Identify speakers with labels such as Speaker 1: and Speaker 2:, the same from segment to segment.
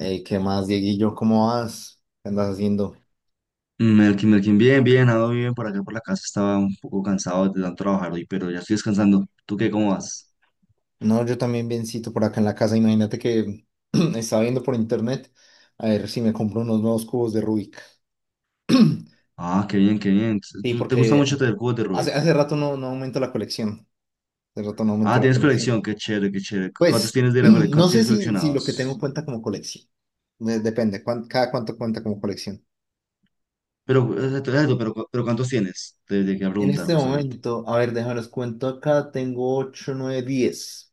Speaker 1: Ey, ¿qué más, Dieguillo? ¿Cómo vas? ¿Qué andas haciendo?
Speaker 2: Melkin, Melkin, bien, bien, ando bien por acá por la casa, estaba un poco cansado de tanto trabajar hoy, pero ya estoy descansando. ¿Tú qué, cómo vas?
Speaker 1: No, yo también biencito por acá en la casa. Imagínate que estaba viendo por internet a ver si me compro unos nuevos cubos de Rubik.
Speaker 2: Ah, qué bien, qué bien.
Speaker 1: Sí,
Speaker 2: ¿Te gusta mucho
Speaker 1: porque
Speaker 2: tener cubos de
Speaker 1: hace,
Speaker 2: Rubik?
Speaker 1: hace rato no aumento la colección. Hace rato no aumento
Speaker 2: Ah,
Speaker 1: la
Speaker 2: tienes
Speaker 1: colección.
Speaker 2: colección, qué chévere, qué chévere.
Speaker 1: Pues,
Speaker 2: ¿Cuántos
Speaker 1: no sé
Speaker 2: tienes
Speaker 1: si lo que tengo
Speaker 2: coleccionados?
Speaker 1: cuenta como colección. Depende, cada cuánto cuenta como colección.
Speaker 2: Pero, exacto, exacto, pero ¿cuántos tienes? Te llegué a
Speaker 1: En
Speaker 2: preguntar
Speaker 1: este
Speaker 2: justamente.
Speaker 1: momento, a ver, déjame los cuento acá. Tengo ocho, nueve, diez.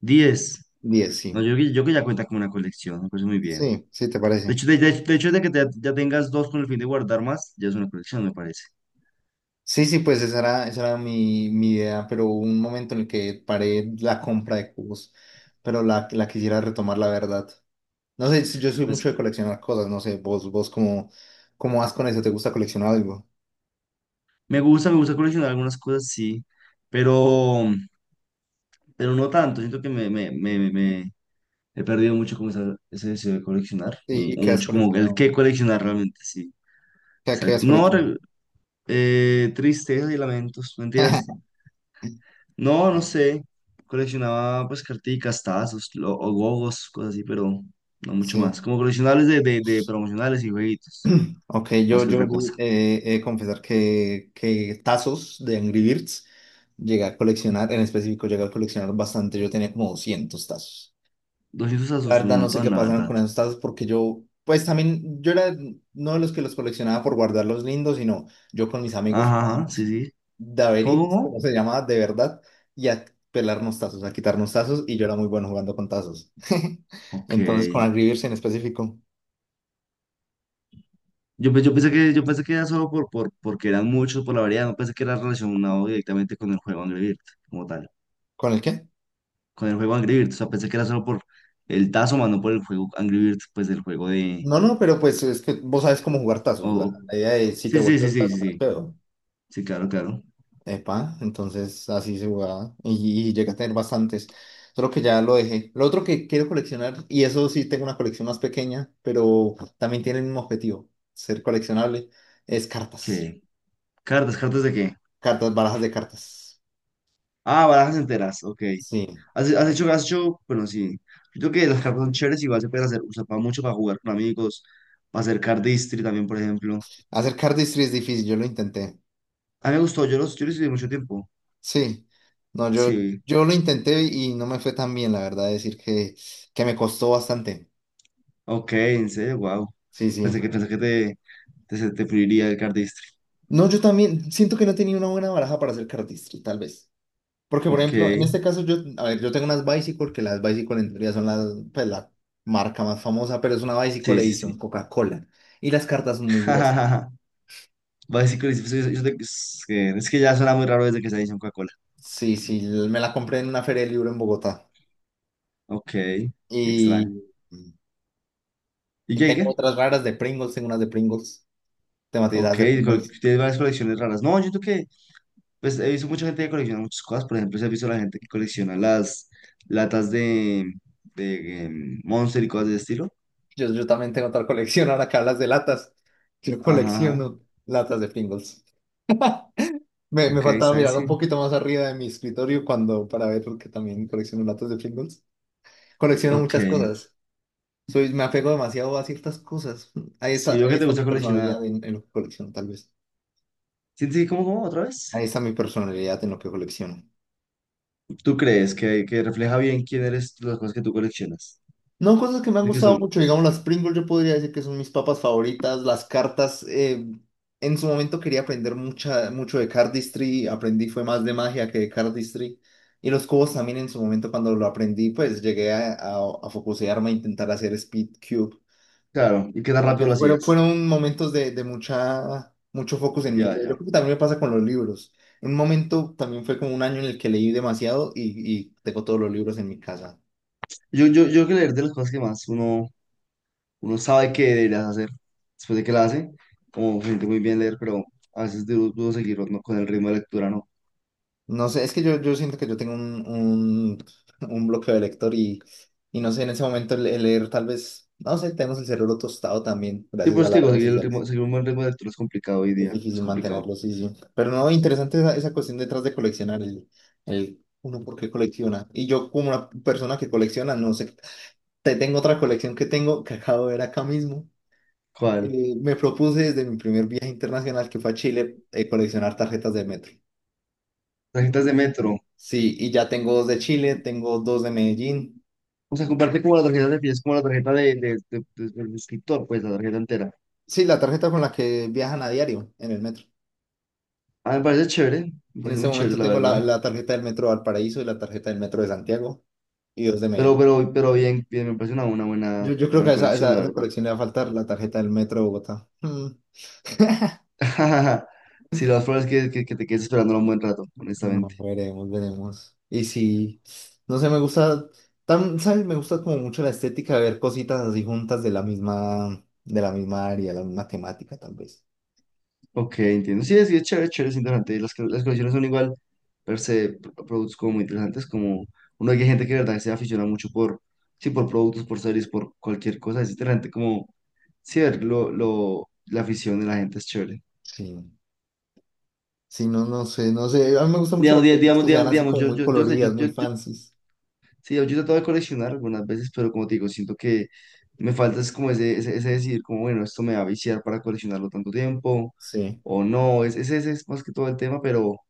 Speaker 2: 10.
Speaker 1: Diez,
Speaker 2: No,
Speaker 1: sí.
Speaker 2: yo que ya cuenta con una colección, me parece muy bien.
Speaker 1: Sí, sí, ¿te
Speaker 2: De
Speaker 1: parece?
Speaker 2: hecho, de, de- de hecho, de que ya tengas dos con el fin de guardar más, ya es una colección, me parece.
Speaker 1: Sí, sí, pues esa era mi idea, pero hubo un momento en el que paré la compra de cubos, pero la quisiera retomar, la verdad. No sé, yo soy mucho de coleccionar cosas, no sé, vos cómo vas con eso, ¿te gusta coleccionar algo?
Speaker 2: Me gusta coleccionar algunas cosas, sí, pero, pero no tanto. Siento que me he perdido mucho como ese deseo de coleccionar, o
Speaker 1: ¿Y
Speaker 2: o
Speaker 1: qué has
Speaker 2: mucho como el
Speaker 1: coleccionado?
Speaker 2: que coleccionar realmente, sí. O
Speaker 1: ¿Qué,
Speaker 2: sea,
Speaker 1: qué has
Speaker 2: no,
Speaker 1: coleccionado?
Speaker 2: tristezas y lamentos, mentiras. No, no
Speaker 1: Ok.
Speaker 2: sé. Coleccionaba pues carticas, tazos, o gogos, cosas así, pero no mucho
Speaker 1: Sí,
Speaker 2: más. Como coleccionables de promocionales y jueguitos,
Speaker 1: ok,
Speaker 2: más
Speaker 1: yo,
Speaker 2: que
Speaker 1: yo
Speaker 2: otra cosa.
Speaker 1: he de confesar que tazos de Angry Birds llegué a coleccionar, en específico llegué a coleccionar bastante, yo tenía como 200 tazos.
Speaker 2: 200
Speaker 1: La
Speaker 2: tazos, un
Speaker 1: verdad no sé qué
Speaker 2: montón, la
Speaker 1: pasaron
Speaker 2: verdad.
Speaker 1: con esos tazos porque yo, pues también, yo era no de los que los coleccionaba por guardarlos lindos, sino yo con mis amigos
Speaker 2: Ajá, ajá, sí,
Speaker 1: jugábamos
Speaker 2: sí.
Speaker 1: daveritos, como
Speaker 2: ¿Cómo?
Speaker 1: se llamaba de verdad, y a pelarnos tazos, a quitarnos tazos, y yo era muy bueno jugando con tazos.
Speaker 2: Ok.
Speaker 1: Entonces, con Angry Birds en específico.
Speaker 2: Yo pensé que era solo porque eran muchos, por la variedad, no pensé que era relacionado directamente con el juego Angry Birds, como tal.
Speaker 1: ¿Con el qué?
Speaker 2: Con el juego Angry Birds, o sea, pensé que era solo por el tazo, más no por el juego Angry Birds, pues del juego de...
Speaker 1: No, no, pero pues es que vos sabes cómo jugar tazos. La,
Speaker 2: o-
Speaker 1: la idea de si te
Speaker 2: Sí, sí,
Speaker 1: vuelto
Speaker 2: sí,
Speaker 1: el
Speaker 2: sí,
Speaker 1: tazo
Speaker 2: sí,
Speaker 1: me lo
Speaker 2: sí.
Speaker 1: quedo.
Speaker 2: Sí, claro, claro.
Speaker 1: Epa, entonces así se jugaba y llegué a tener bastantes, solo que ya lo dejé. Lo otro que quiero coleccionar, y eso sí tengo una colección más pequeña, pero también tiene el mismo objetivo, ser coleccionable, es cartas,
Speaker 2: Ok. ¿Cartas? ¿Cartas de qué?
Speaker 1: cartas, barajas de cartas.
Speaker 2: Ah, barajas enteras, ok.
Speaker 1: Sí,
Speaker 2: ¿Has hecho, bueno, sí. Yo creo que las cartas son chéveres, igual se pueden hacer, usar para mucho para jugar con amigos, para hacer card history también, por ejemplo.
Speaker 1: hacer cardistry es difícil, yo lo intenté.
Speaker 2: A mí me gustó, yo los estudié mucho tiempo.
Speaker 1: Sí, no, yo,
Speaker 2: Sí,
Speaker 1: yo lo intenté y no me fue tan bien, la verdad, decir que, me costó bastante.
Speaker 2: ok, en serio, wow.
Speaker 1: Sí,
Speaker 2: Pensé
Speaker 1: sí.
Speaker 2: que, pensé que te puliría el cardistry.
Speaker 1: No, yo también siento que no tenía una buena baraja para hacer cardistry, tal vez. Porque, por
Speaker 2: Ok,
Speaker 1: ejemplo, en
Speaker 2: sí,
Speaker 1: este caso yo, a ver, yo tengo unas Bicycle, que las Bicycle en teoría son las, pues, la marca más famosa, pero es una Bicycle
Speaker 2: sí,
Speaker 1: edición
Speaker 2: sí.
Speaker 1: Coca-Cola. Y las cartas son muy gruesas.
Speaker 2: Va a decir que es que ya suena muy raro desde que se dice en Coca-Cola.
Speaker 1: Sí, sí, me la compré en una feria de libro en Bogotá.
Speaker 2: Ok, qué extraño.
Speaker 1: Y
Speaker 2: ¿Y qué, y
Speaker 1: tengo
Speaker 2: qué?
Speaker 1: otras raras de Pringles, tengo unas de Pringles, tematizadas
Speaker 2: Ok,
Speaker 1: de Pringles.
Speaker 2: tienes varias colecciones raras. No, yo siento que, pues he visto mucha gente que colecciona muchas cosas. Por ejemplo, se ha visto la gente que colecciona las latas de Monster y cosas de ese estilo.
Speaker 1: Yo también tengo otra colección, ahora que hablas de latas. Yo
Speaker 2: Ajá, ajá.
Speaker 1: colecciono latas de Pringles. Me
Speaker 2: Ok,
Speaker 1: faltaba
Speaker 2: ¿saben?
Speaker 1: mirar un
Speaker 2: Sí.
Speaker 1: poquito más arriba de mi escritorio cuando, para ver, porque también colecciono latas de Pringles. Colecciono
Speaker 2: Ok.
Speaker 1: muchas cosas. Me apego demasiado a ciertas cosas. Ahí
Speaker 2: Sí,
Speaker 1: está,
Speaker 2: veo que
Speaker 1: ahí
Speaker 2: te
Speaker 1: está
Speaker 2: gusta
Speaker 1: mi
Speaker 2: coleccionar.
Speaker 1: personalidad en, lo que colecciono, tal vez.
Speaker 2: ¿Sientes que cómo, cómo, otra
Speaker 1: Ahí
Speaker 2: vez?
Speaker 1: está mi personalidad en lo que colecciono.
Speaker 2: ¿Tú crees que refleja bien quién eres las cosas que tú coleccionas?
Speaker 1: No, cosas que me han
Speaker 2: ¿De qué
Speaker 1: gustado
Speaker 2: son?
Speaker 1: mucho, digamos las Pringles, yo podría decir que son mis papas favoritas, las cartas, en su momento quería aprender mucho de cardistry, aprendí fue más de magia que de cardistry, y los cubos también en su momento cuando lo aprendí, pues llegué a focusearme a intentar hacer speed cube,
Speaker 2: Claro, y qué tan
Speaker 1: Como que
Speaker 2: rápido lo
Speaker 1: fueron,
Speaker 2: hacías.
Speaker 1: fueron momentos de mucho focus en mi
Speaker 2: Ya,
Speaker 1: vida. Yo
Speaker 2: ya.
Speaker 1: creo que también me pasa con los libros. En un momento también fue como un año en el que leí demasiado y tengo todos los libros en mi casa.
Speaker 2: Yo creo que leer de las cosas que más uno sabe que deberías hacer después de que la hace, como gente muy bien leer, pero a veces dudo seguir ¿no? con el ritmo de lectura, ¿no?
Speaker 1: No sé, es que yo siento que yo tengo un un bloqueo de lector y, no sé, en ese momento el leer tal vez, no sé, tenemos el cerebro tostado también
Speaker 2: Sí,
Speaker 1: gracias
Speaker 2: por
Speaker 1: a
Speaker 2: eso te
Speaker 1: las
Speaker 2: digo,
Speaker 1: redes
Speaker 2: seguir, el
Speaker 1: sociales.
Speaker 2: ritmo, seguir un buen ritmo de lectura es complicado hoy
Speaker 1: Es
Speaker 2: día, es
Speaker 1: difícil
Speaker 2: complicado.
Speaker 1: mantenerlo, sí, sí. Pero no, interesante esa cuestión detrás de coleccionar el uno por qué colecciona. Y yo como una persona que colecciona, no sé. Te tengo otra colección que tengo que acabo de ver acá mismo.
Speaker 2: ¿Cuál?
Speaker 1: Me propuse desde mi primer viaje internacional que fue a Chile coleccionar tarjetas de metro.
Speaker 2: Tarjetas de metro.
Speaker 1: Sí, y ya tengo dos de Chile, tengo dos de Medellín.
Speaker 2: O sea, comprarte como la tarjeta de pies, como la tarjeta del escritor, pues la tarjeta entera.
Speaker 1: Sí, la tarjeta con la que viajan a diario en el metro.
Speaker 2: Ah, me parece chévere, me
Speaker 1: En
Speaker 2: parece
Speaker 1: este
Speaker 2: muy chévere,
Speaker 1: momento
Speaker 2: la
Speaker 1: tengo la,
Speaker 2: verdad.
Speaker 1: la tarjeta del metro de Valparaíso y la tarjeta del metro de Santiago y dos de
Speaker 2: Pero,
Speaker 1: Medellín.
Speaker 2: pero, pero bien, bien, me parece una buena,
Speaker 1: Yo creo que a
Speaker 2: buena
Speaker 1: esa, a esa,
Speaker 2: colección, la
Speaker 1: a esa
Speaker 2: verdad.
Speaker 1: colección le va a faltar la tarjeta del metro de Bogotá. Mm.
Speaker 2: Si las flores que te quedes esperando un buen rato,
Speaker 1: No,
Speaker 2: honestamente.
Speaker 1: veremos, veremos. Y sí, no sé, me gusta, ¿sabes? Me gusta como mucho la estética de ver cositas así juntas de la misma área, la misma temática, tal vez.
Speaker 2: Ok, entiendo. Sí, es chévere, chévere, es interesante. Las colecciones son igual, per se, productos como muy interesantes, como uno que hay gente que de verdad se aficiona mucho por, sí, por productos, por series, por cualquier cosa. Es interesante como, sí, ver la afición de la gente es chévere.
Speaker 1: Sí, sí, no, no sé, no sé. A mí me gustan mucho las
Speaker 2: Digamos, di-
Speaker 1: cositas
Speaker 2: digamos,
Speaker 1: que sean
Speaker 2: digamos,
Speaker 1: así
Speaker 2: digamos,
Speaker 1: como
Speaker 2: yo,
Speaker 1: muy
Speaker 2: yo, yo sé, yo,
Speaker 1: coloridas, muy
Speaker 2: yo
Speaker 1: fancies.
Speaker 2: Sí, yo he tratado de coleccionar algunas veces, pero como te digo, siento que me falta es como ese decidir, como bueno, esto me va a viciar para coleccionarlo tanto tiempo
Speaker 1: Sí,
Speaker 2: o no, ese es más que todo el tema, pero,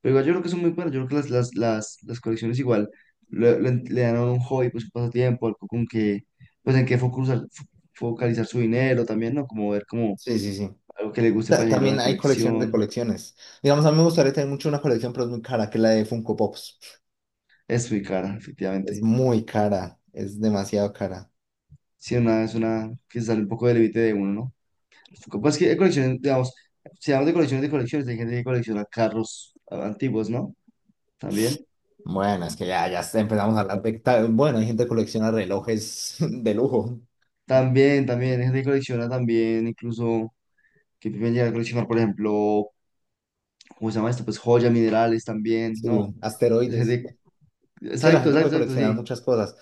Speaker 2: pero igual yo creo que son muy buenas, yo creo que las colecciones igual le dan a uno un hobby, pues un pasatiempo, algo con que, pues en qué focalizar su dinero también, ¿no? Como ver como
Speaker 1: sí, sí, sí.
Speaker 2: algo que le guste para añadir a la
Speaker 1: También hay colecciones de
Speaker 2: colección,
Speaker 1: colecciones. Digamos, a mí me gustaría tener mucho una colección, pero es muy cara, que es la de Funko Pops.
Speaker 2: es muy cara,
Speaker 1: Es
Speaker 2: efectivamente.
Speaker 1: muy cara, es demasiado cara.
Speaker 2: Sí, es una que sale un poco del límite de uno, ¿no? Pues que hay colecciones, digamos, si hablamos de colecciones, hay gente que colecciona carros antiguos, ¿no? También.
Speaker 1: Bueno, es que ya empezamos a hablar de. Bueno, hay gente que colecciona relojes de lujo,
Speaker 2: También, también, hay gente que colecciona también, incluso, que pueden llegar a coleccionar, por ejemplo, ¿cómo se llama esto? Pues joyas, minerales también, ¿no?
Speaker 1: sí,
Speaker 2: Es
Speaker 1: asteroides.
Speaker 2: gente,
Speaker 1: Es que la
Speaker 2: exacto,
Speaker 1: gente puede
Speaker 2: exacto, exacto,
Speaker 1: coleccionar
Speaker 2: sí.
Speaker 1: muchas cosas.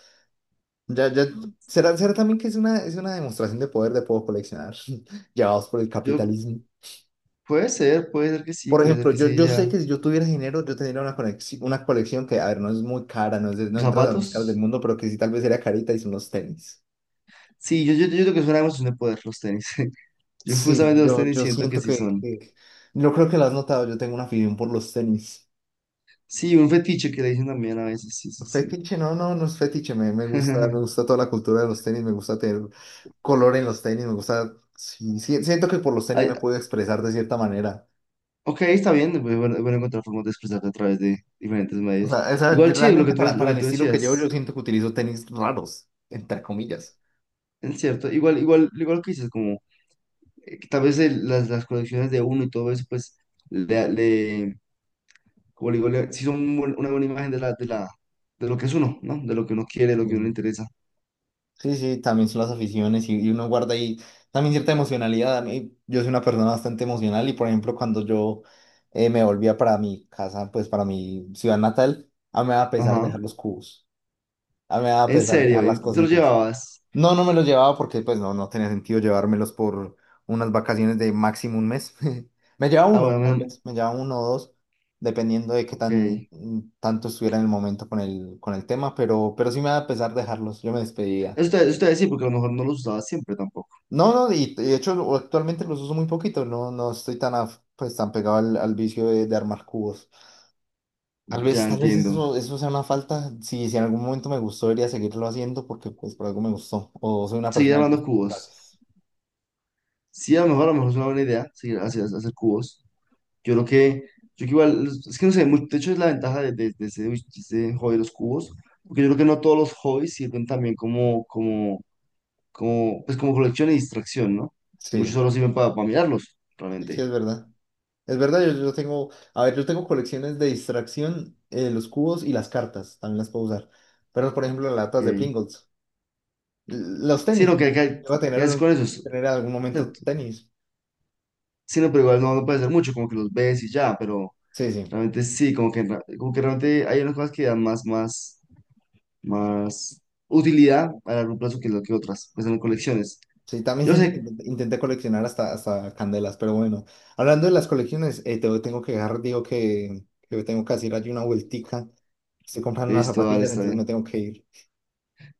Speaker 1: Ya, ya, será también que es una, demostración de poder de puedo coleccionar, llevados por el
Speaker 2: Yo,
Speaker 1: capitalismo.
Speaker 2: puede ser que sí,
Speaker 1: Por
Speaker 2: puede ser
Speaker 1: ejemplo,
Speaker 2: que
Speaker 1: yo,
Speaker 2: sí,
Speaker 1: yo sé
Speaker 2: ya.
Speaker 1: que si yo tuviera dinero, yo tendría una conexión, una colección que, a ver, no es muy cara, no, no
Speaker 2: ¿Los
Speaker 1: entra a las más caras del
Speaker 2: ¿Zapatos?
Speaker 1: mundo, pero que sí tal vez sería carita y son los tenis.
Speaker 2: Sí, yo creo que es una emoción de poder, los tenis. Yo
Speaker 1: Sí,
Speaker 2: justamente los
Speaker 1: yo,
Speaker 2: tenis
Speaker 1: yo
Speaker 2: siento que
Speaker 1: siento
Speaker 2: sí
Speaker 1: que,
Speaker 2: son.
Speaker 1: que... No creo que lo has notado, yo tengo una afición por los tenis.
Speaker 2: Sí, un fetiche que le dicen también a veces, sí, sí, sí.
Speaker 1: Fetiche, no, no, no es fetiche, me gusta, me gusta toda la cultura de los tenis, me gusta tener color en los tenis, me gusta, sí, sí, siento que por los tenis
Speaker 2: Hay,
Speaker 1: me puedo expresar de cierta manera.
Speaker 2: Ok, está bien, bueno, es bueno encontrar formas de expresarte a través de diferentes
Speaker 1: O
Speaker 2: medios.
Speaker 1: sea, yo
Speaker 2: Igual sí, lo que
Speaker 1: realmente
Speaker 2: tú,
Speaker 1: para,
Speaker 2: lo
Speaker 1: para
Speaker 2: que
Speaker 1: el
Speaker 2: tú
Speaker 1: estilo que llevo, yo
Speaker 2: decías,
Speaker 1: siento que utilizo tenis raros, entre comillas.
Speaker 2: es cierto, igual lo que dices, como que tal vez las colecciones de uno y todo eso, pues, le, le- como le digo, sí son una buena imagen de de lo que es uno, ¿no? De lo que uno quiere, de lo que uno le
Speaker 1: Mm.
Speaker 2: interesa.
Speaker 1: Sí, sí, también son las aficiones y uno guarda ahí también cierta emocionalidad. A mí, yo soy una persona bastante emocional y, por ejemplo, cuando yo me volvía para mi casa, pues para mi ciudad natal, a mí me daba pesar
Speaker 2: Ajá,
Speaker 1: dejar los cubos, a mí me daba
Speaker 2: en
Speaker 1: pesar dejar
Speaker 2: serio,
Speaker 1: las
Speaker 2: ¿Y te los
Speaker 1: cositas.
Speaker 2: llevabas?
Speaker 1: No, no me los llevaba porque pues no tenía sentido llevármelos por unas vacaciones de máximo un mes. Me llevaba
Speaker 2: Ah,
Speaker 1: uno,
Speaker 2: bueno,
Speaker 1: tal
Speaker 2: me-
Speaker 1: vez, me llevaba uno o dos, dependiendo de qué
Speaker 2: ok.
Speaker 1: tan tanto estuviera en el momento con el tema, pero sí me da pesar dejarlos, yo me despedía.
Speaker 2: Eso te, voy a decir, porque a lo mejor no los usabas siempre tampoco.
Speaker 1: No, no, y de hecho actualmente los uso muy poquito, no estoy tan, pues, tan pegado al vicio de armar cubos. Tal vez,
Speaker 2: Ya
Speaker 1: tal vez
Speaker 2: entiendo.
Speaker 1: eso sea una falta, si en algún momento me gustó, debería seguirlo haciendo porque pues por algo me gustó, o soy una
Speaker 2: Seguir
Speaker 1: persona de
Speaker 2: armando cubos.
Speaker 1: gustos.
Speaker 2: Sí, a lo mejor es una buena idea seguir hacer cubos. Yo creo que, yo que igual, es que no sé, de hecho es la ventaja de ese hobby de los cubos, porque yo creo que no todos los hobbies sirven también pues como colección y distracción, ¿no? Muchos
Speaker 1: Sí.
Speaker 2: solo sirven para mirarlos,
Speaker 1: Sí, sí,
Speaker 2: realmente.
Speaker 1: es verdad. Es verdad, yo tengo, a ver, yo tengo colecciones de distracción, los cubos y las cartas, también las puedo usar. Pero, por ejemplo, las latas de
Speaker 2: Ok.
Speaker 1: Pringles. Los
Speaker 2: Sí,
Speaker 1: tenis,
Speaker 2: no, que,
Speaker 1: yo
Speaker 2: que
Speaker 1: voy a tener,
Speaker 2: ya es con eso.
Speaker 1: tener en algún momento tenis.
Speaker 2: Sí, no, pero igual no, no puede ser mucho, como que los ves y ya, pero
Speaker 1: Sí, sí.
Speaker 2: realmente sí, como que, como que realmente hay unas cosas que dan más utilidad a largo plazo que lo que otras, pues en colecciones.
Speaker 1: Sí, también
Speaker 2: Yo
Speaker 1: siento que
Speaker 2: sé,
Speaker 1: intenté coleccionar hasta candelas, pero bueno. Hablando de las colecciones, tengo que dejar, digo que tengo que hacer allí una vueltica. Estoy comprando unas
Speaker 2: listo, dale,
Speaker 1: zapatillas,
Speaker 2: está
Speaker 1: entonces
Speaker 2: bien.
Speaker 1: me tengo que ir.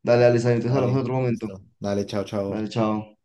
Speaker 2: Dale, dale, está bien. Entonces hablamos en
Speaker 1: Dale,
Speaker 2: otro momento.
Speaker 1: listo. Dale, chao, chao.
Speaker 2: Dale, chao.